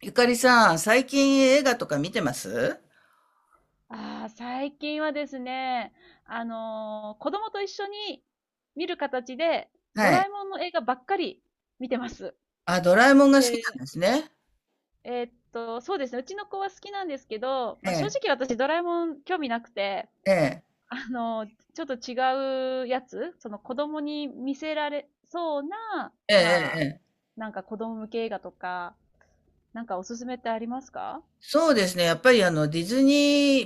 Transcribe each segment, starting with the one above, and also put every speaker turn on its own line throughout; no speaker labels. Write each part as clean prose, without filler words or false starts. ゆかりさん、最近映画とか見てます？
ああ、最近はですね、子供と一緒に見る形で、ド
は
ラ
い。
えもんの映画ばっかり見てます。
あ、ドラえもんが好き
で、
なんですね。
そうですね、うちの子は好きなんですけど、
え
まあ、正
え、
直私ドラえもん興味なくて、
ええ、
ちょっと違うやつ、その子供に見せられそうな、
ええ、
まあ、
ええ、
なんか子供向け映画とか、なんかおすすめってありますか？
そうですね。やっぱりディズニ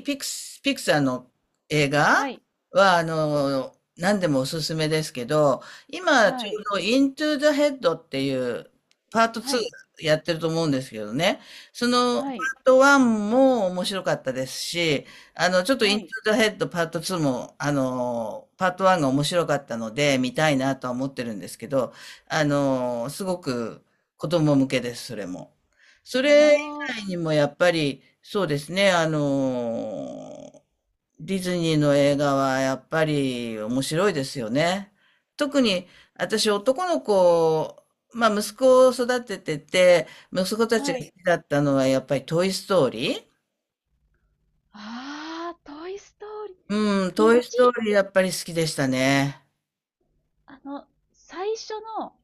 ーピクサーの映
は
画
い、
は、あの、何でもおすすめですけど、今
は
ちょう
い、
どイントゥ the Head っていうパート
は
2
い、
やってると思うんですけどね。そのパー
はい、
ト1も面白かったですし、あの、ちょっとイ
は
ント
い。
ゥ the Head パート2も、あの、パート1が面白かったので見たいなとは思ってるんですけど、あの、すごく子供向けです、それも。それ、以外
あ
にもやっぱり、そうですね、あの、ディズニーの映画はやっぱり面白いですよね。特に私男の子、まあ息子を育ててて、息子た
あ、
ち
は
が好
い。
きだったのはやっぱりトイ・ストーリー。
ああ、トイストーリ
うん、
ー。1、
トイ・ストーリーやっぱり好きでしたね。
あの、最初の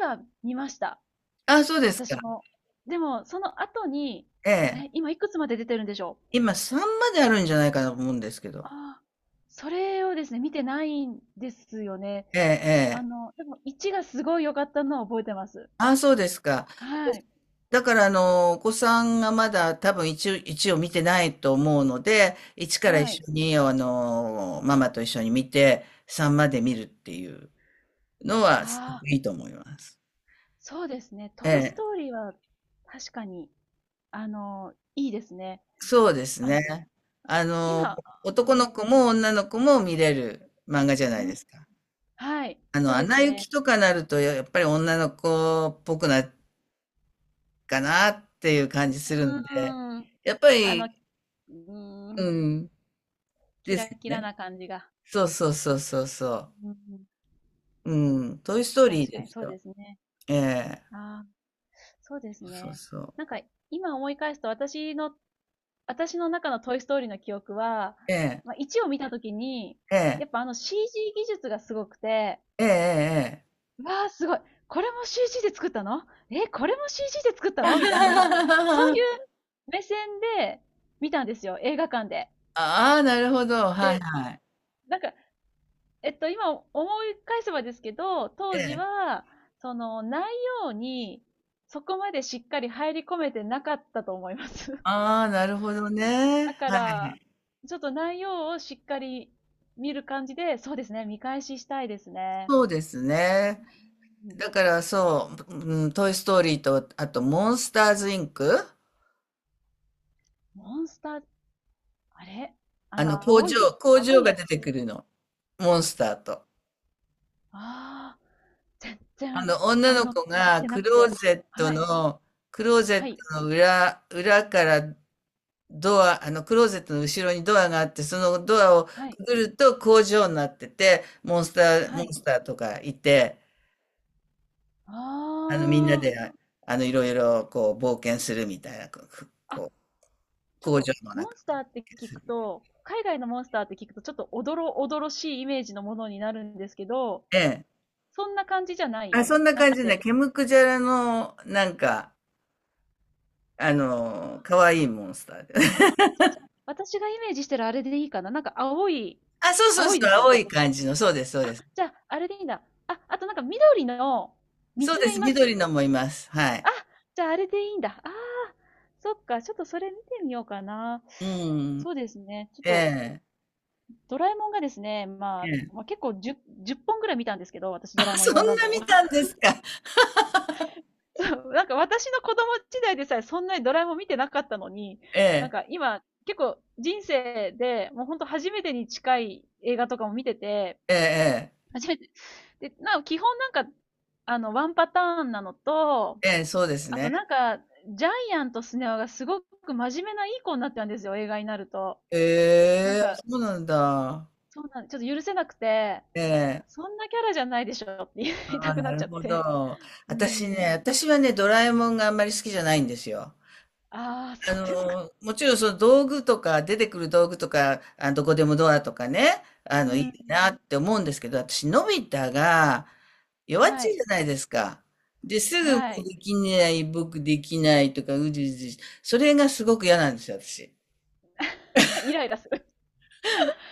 1は見ました。
あ、そうです
私
か。
も。でも、その後に、
ええ。
え、今いくつまで出てるんでしょう？
今さんまであるんじゃないかなと思うんですけど。
ああ、それをですね、見てないんですよね。
ええ、ええ。
でも1がすごい良かったのを覚えてます。
あ、そうですか。
はい。
だから、あの、お子さんがまだ多分一応、一を見てないと思うので、一から
は
一
い。
緒に、あの、ママと一緒に見て、三まで見るっていうのは、すご
ああ、
くいいと思います。
そうですね。
え
トイス
え、
トーリーは確かに、いいですね。
そうです
あ、
ね。あの、
今、
男の
ね、
子も女の子も見れる漫画じゃな
う
いで
ん、
すか。
はい、
あ
そ
の、
う
ア
で
ナ
す
雪
ね。
とかなると、やっぱり女の子っぽくなるかなっていう感じするん
う
で、
ん。
やっぱ
う
り、う
ん、
ん、
キ
で
ラ
すよ
キラ
ね。
な感じが。
そうそうそうそうそう。
うん、
うん、トイストーリー
確か
で
に
す
そう
よ。
ですね。
ええ、
ああ、そうです
そう
ね。
そう。
なんか、今思い返すと私の中のトイストーリーの記憶は、
ええ、
まあ、1を見たときに、
え
や
え、
っぱCG 技術がすごくて、
ええ、ええ。
わあ、すごい。これも CG で作ったの？え、これも CG で作ったのみたいな、そうい う目線で見たんですよ、映画館で。
ああ、なるほど。はい
で、
はい。
なんか、今思い返せばですけど、
え
当時
え。
は、その内容にそこまでしっかり入り込めてなかったと思います。
ああ、なるほどね。
だか
は
ら、
い。
ちょっと内容をしっかり見る感じで、そうですね、見返ししたいですね。
そうですね。
うん。
だからそう、うん、トイストーリーと、あと、モンスターズインク。
モンスター、あれあ
あの、
の、
工場、工
青
場
い
が
や
出
つ。
てくるの。モンスターと。
ああ、全
あ
然、
の、女
あ
の
の、
子
見
が
てな
ク
く
ロー
て。
ゼット
はい、
の、クロー
は
ゼッ
い、
トの裏からあの、クローゼットの後ろにドアがあって、そのドアを
はい、
くぐると工場になってて、モンスター、
は
モン
い。
スターとかいて、あの、みんな
あ
で、いろいろ、こう、冒険するみたいな、こう、
あ。
こう
ちょっ
工
と、
場の
モン
中
スターって聞くと、海外のモンスターって聞くと、ちょっとおどろおどろしいイメージのものになるんですけど、
で。
そんな感じじゃない
あ、そんな
な
感
く
じね。
て。
ケムクジャラの、なんか、あの、可愛いモンスターで。
あ じゃあ、私がイメージしてるあれでいいかな。なんか青い、
あ、そうそう
青
そ
い
う、
ですよ
青い
ね。
感じの、そうです、そうで
あ、
す。
じゃあ、あれでいいんだ。あ、あとなんか緑の、見
そう
つ
で
めい
す、
ま
緑
す。
のもいます。はい。
あ、じゃああれでいいんだ。ああ、そっか、ちょっとそれ見てみようかな。
うん。
そうですね。ちょっ
え
と、
え、
ドラえもんがですね、ま
え
あ、
え。
まあ、結構 10, 本ぐらい見たんですけど、私
あ、
ドラえもんい
そん
ろ
な
んなのを。
見 たんですか。
そう、なんか私の子供時代でさえそんなにドラえもん見てなかったのに、
え
なん
え、
か今結構人生でもうほんと初めてに近い映画とかも見てて、
ええ、ええ。
初めて。で、基本なんか、ワンパターンなのと、
ええ、そうです
あと
ね。
なんか、ジャイアンとスネ夫がすごく真面目ないい子になったんですよ、映画になると。なん
ええ、
か、
そうなんだ。
そうなん、ちょっと許せなくて、
ええ、
そんなキャラじゃないでしょって言い
あ
た
あ、
く
な
なっち
る
ゃっ
ほ
て。
ど。
うん。
私はね、ドラえもんがあんまり好きじゃないんですよ。
ああ、
あ
そうですか。
の、もちろんその道具とか、出てくる道具とか、あ、どこでもドアとかね、あ
う
の、い
ん。
いなって思うんですけど、私、のび太が弱っち
は
いじ
い。
ゃないですか。で、すぐも
は
う
い。
できない、僕できないとか、うじうじ、それがすごく嫌なんですよ、私。
イライラする。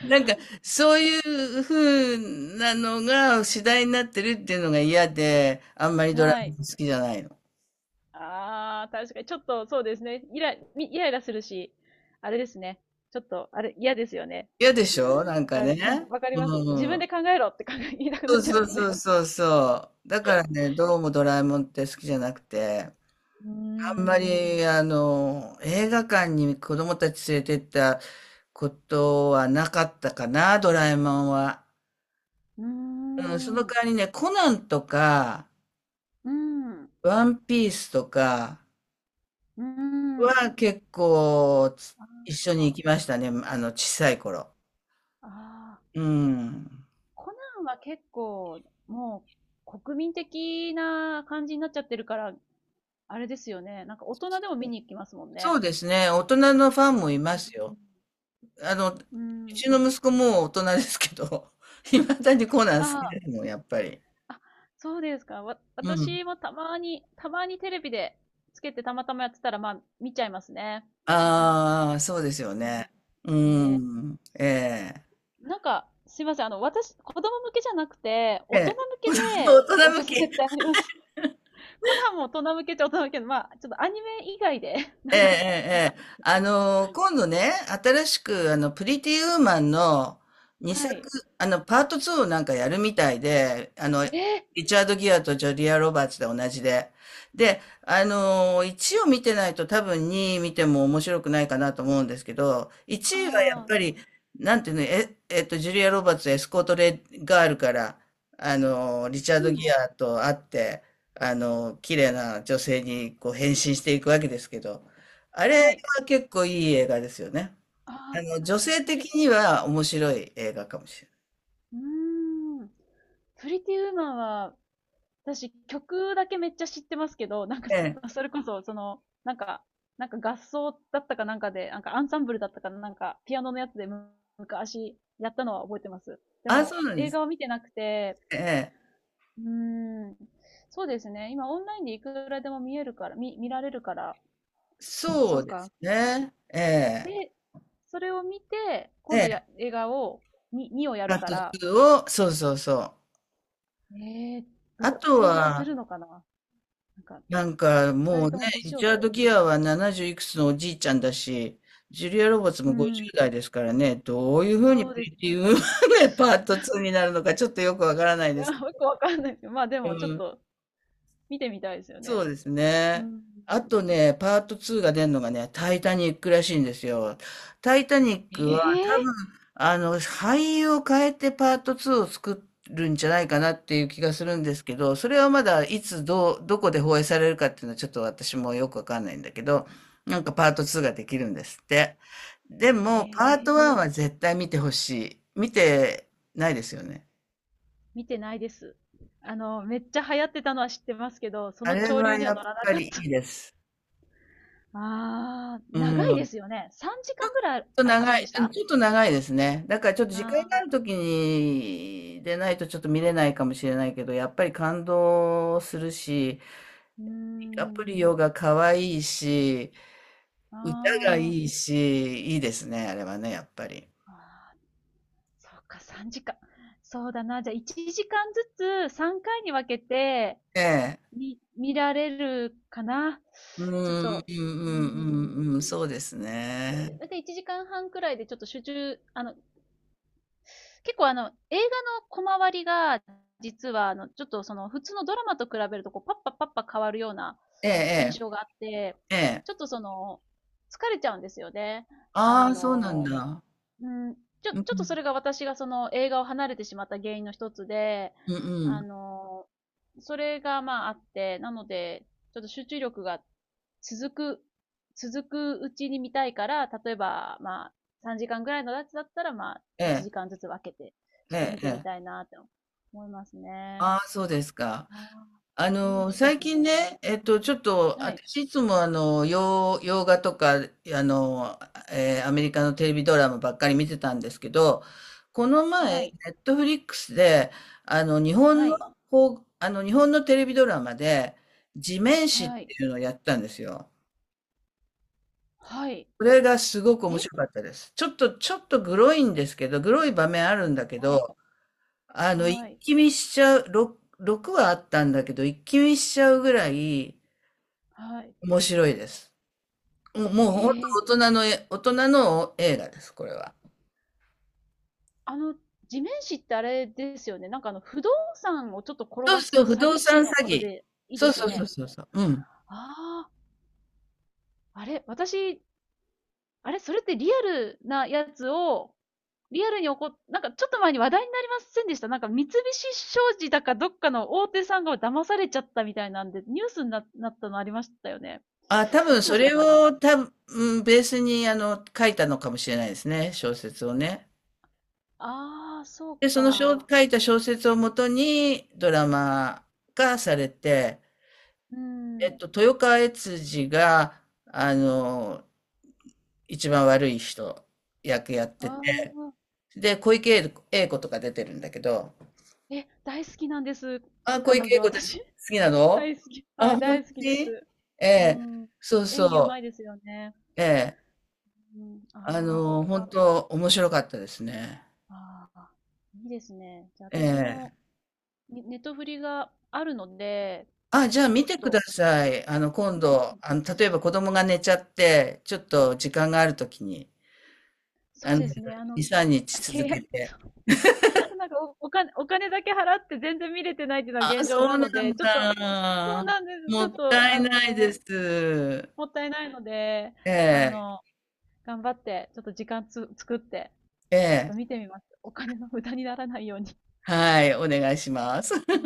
なんか、そういう風なのが次第になってるっていうのが嫌で、あんまりドラ
は
マ
い。
好きじゃないの。
ああ、確かに。ちょっと、そうですね。イライラするし、あれですね。ちょっと、あれ、嫌ですよね。
嫌でしょなん
わ
か
かり、うん、
ね。
わかります。
う
自
ん。
分で考えろって言いたくな
そ
っ
う
ちゃい
そ
ま
う
す
そ
ね。
うそうそう。だからね、どうもドラえもんって好きじゃなくて、
うー
あんま
ん。
り、あの、映画館に子供たち連れてったことはなかったかな、ドラえもんは。
うー
うん、その
ん。う
代わりね、コナンとか、
ーん。
ワンピースとか、
うーん。
は結構
あ
一緒に行
あ。
きましたね、あの、小さい頃。
ああ。
うん。
コナンは結構、もう、国民的な感じになっちゃってるから、あれですよね。なんか大人でも見に行きますもん
そ
ね。
うですね、大人のファンもい
う
ま
ん。
すよ。あの、う
うん。
ちの息子もう大人ですけど、いまだにコナン好き
あ
ですもん、やっぱり。
あ、あ、そうですか。
うん。
私もたまにテレビでつけてたまたまやってたら、まあ、見ちゃいますね。
ああ、そうですよ
う
ね。
ん。
う
ね
ん。ええ。
え。なんか、すいません。私、子供向けじゃなくて、
え
大人向
え。
け
大
でお
人
す
向
すめ
き。
ってあります？コナンも大人向けっちゃ大人向けの、まあ、ちょっとアニメ以外で、な
ええ、
ん
え
か、
え、ええ、あの、今度ね、新しく、あの、プリティウーマンの2
は
作、
い。
あの、パート2をなんかやるみたいで、あの、
えー
リチャード・ギアとジョリア・ロバーツで同じで。で、あの、1を見てないと多分2見ても面白くないかなと思うんですけど、1はやっ
ああ、
ぱり、なんていうの、ジュリア・ロバーツ、エスコート・レガールから、あの、リチャー
う
ド・
ん、
ギアと会って、あの、綺麗な女性にこう変身していくわけですけど、あれ
はい。
は結構いい映画ですよね。あ
ああ、
の、女性
プリ、
的には面白い映画かもしれ
うーん。プリティウーマンは、私曲だけめっちゃ知ってますけど、なんか、
ない。ええ。
それこそ、なんか、なんか合奏だったかなんかで、なんかアンサンブルだったかなんか、ピアノのやつで昔やったのは覚えてます。で
あ、
も、
そうなんで
映
すね。
画は見てなくて、
ええ。
うーん、そうですね。今オンラインでいくらでも見えるから、見られるから、
そ
そ
う
う
で
か、
すね。ええ。
で、それを見て、
え
今度や、
え。
映画を、に、2をや
パ
る
ー
か
ト
ら、
2を、そうそうそう。
えー、
あ
どう、
と
成立す
は、
るのかな。なんか、
なんか
二
もう
人
ね、
とも
リ
年を
チャー
取っ
ド・
てる
ギ
か
アは70いくつのおじいちゃんだし、ジュリア・ロバーツ
ら。う
も
ん。
50代ですからね、どういうふうに
そう
プ
です
リティ・
ね。
ウーマンがパート2になるのかちょっとよくわから ない
い
で
や
すけ
よくわかんないですけど、まあでも、ちょっ
ど。
と、見てみたいですよ
そ
ね。
うです
う
ね。
ん。
あとね、パート2が出るのがね、タイタニックらしいんですよ。タイタニックは
え
多
え
分、あの、俳優を変えてパート2を作るんじゃないかなっていう気がするんですけど、それはまだいつどう、どこで放映されるかっていうのはちょっと私もよくわかんないんだけど、なんかパート2ができるんですって。でも、パート
ええ。
1は絶対見てほしい。見てないですよね。
見てないです。めっちゃ流行ってたのは知ってますけど、そ
あ
の
れ
潮流
は
には
やっ
乗らな
ぱ
かっ
りい
た。
いです。
ああ、
う
長いで
ん。
すよね。3時間ぐらい
と
ありま
長
せんで
い、
し
うん、
た？
ちょっと長いですね。だからちょっと時間があ
ああ
るときにでないとちょっと見れないかもしれないけど、やっぱり感動するし、
ー、うー
アプリオ
ん。
が可愛いし、歌が
あ
いいし、いいですね、あれはね、やっぱり。
あ、ああ、そうか、3時間。そうだな。じゃあ、1時間ずつ3回に分けて
ええ。
見られるかな。
うん、う
ちょっ
ん、
と、
う
うー
ん、うん、う
ん。
ん、そうです
そう
ね。
で、だいたい1時間半くらいでちょっと集中、結構映画の小回りが、実はちょっと普通のドラマと比べると、こう、パッパパッパ変わるような
ええ、
印象があって、
ええ、ええ。
ちょっと疲れちゃうんですよね。あ
ああ、そうなん
の、
だ。
うん、ちょ
うん、う
っと
ん、
それが私がその映画を離れてしまった原因の一つで、
うん。う
あ
ん、
の、それがまああって、なので、ちょっと集中力が続く、続くうちに見たいから、例えばまあ3時間ぐらいのやつだったらまあ
え
1
え、
時間ずつ分けて、ちょっと
え
見
え、え
てみ
え。
たいなって思いますね。
ああ、そうですか。
ああ、
あ
いい
の、
です
最近
ね。
ね、ちょっと、
はい、
私いつもあの、洋画とか、あの、アメリカのテレビドラマばっかり見てたんですけど、この前、
はい、
ネットフリックスで、あの、日本
は
の、
い、
こう、あの、日本のテレビドラマで、地面師っ
はい、
ていうのをやったんですよ。
はい。
これがすごく面
え
白かったです。ちょっと、グロいんですけど、グロい場面あるんだけ
はい、
ど、あの、
は
一
い、
気見しちゃう、6はあったんだけど、一気見しちゃうぐらい、
はい。
面白いです。もう
へ
本
え。
当大人の大人の映画です、これは。
あの、地面師ってあれですよね。なんか不動産をちょっと転
そう
が
そ
す
う、不
詐
動
欺
産
師の
詐
こと
欺。
でいい
そ
で
う
すよ
そうそう
ね。
そうそう。うん。
ああ、あれ、私、あれ、それってリアルなやつを、リアルに起こっ、なんかちょっと前に話題になりませんでした？なんか三菱商事だかどっかの大手さんが騙されちゃったみたいなんで、ニュースになったのありましたよね。
あ、多
い
分
つだ
そ
った
れ
かな。
を多分、うんベースにあの書いたのかもしれないですね、小説をね。
ああ、そう
で、その
か。
書いた小説をもとにドラマ化されて、
うん。
豊川悦司が、あの、一番悪い人役やっ
あ
てて、
あ、
で、小池栄子とか出てるんだけど、
え、大好きなんです。
あ、小
彼
池栄
女、
子です好
私。
きなの？
大好き。
あ、
はい、
本
大好き
当
で
に？
す。
え
う
え、
ん。
そう
演技う
そ
まいですよね。
う。ええ、
うん。
あ
ああ、そ
の、
っ
本
か。
当面白かったですね。
ああ、いいですね。じゃあ
え
私も、
え。
ねネットフリがあるので、
あ、じゃあ
ち
見
ょっ
てくだ
と、
さい。あの、今度、あの、例えば子供が寝ちゃって、ちょっと時間があるときに、
そ
あ
う
の、
で
2、
すね。
3日続
契
け
約、
て。
そうなんかお金だけ払って全然見れてないっていうの
あ
は
あ、
現状
そ
な
うな
ので、
ん
ちょっと、そう
だ。
なんです。
も
ちょっ
った
と、
いないです。
もったいないので、
え
あ
え、
の、頑張って、ちょっと時間作って、
え
ちょっ
え、
と見てみます。お金の無駄にならないように。
はい、お願いします。
うん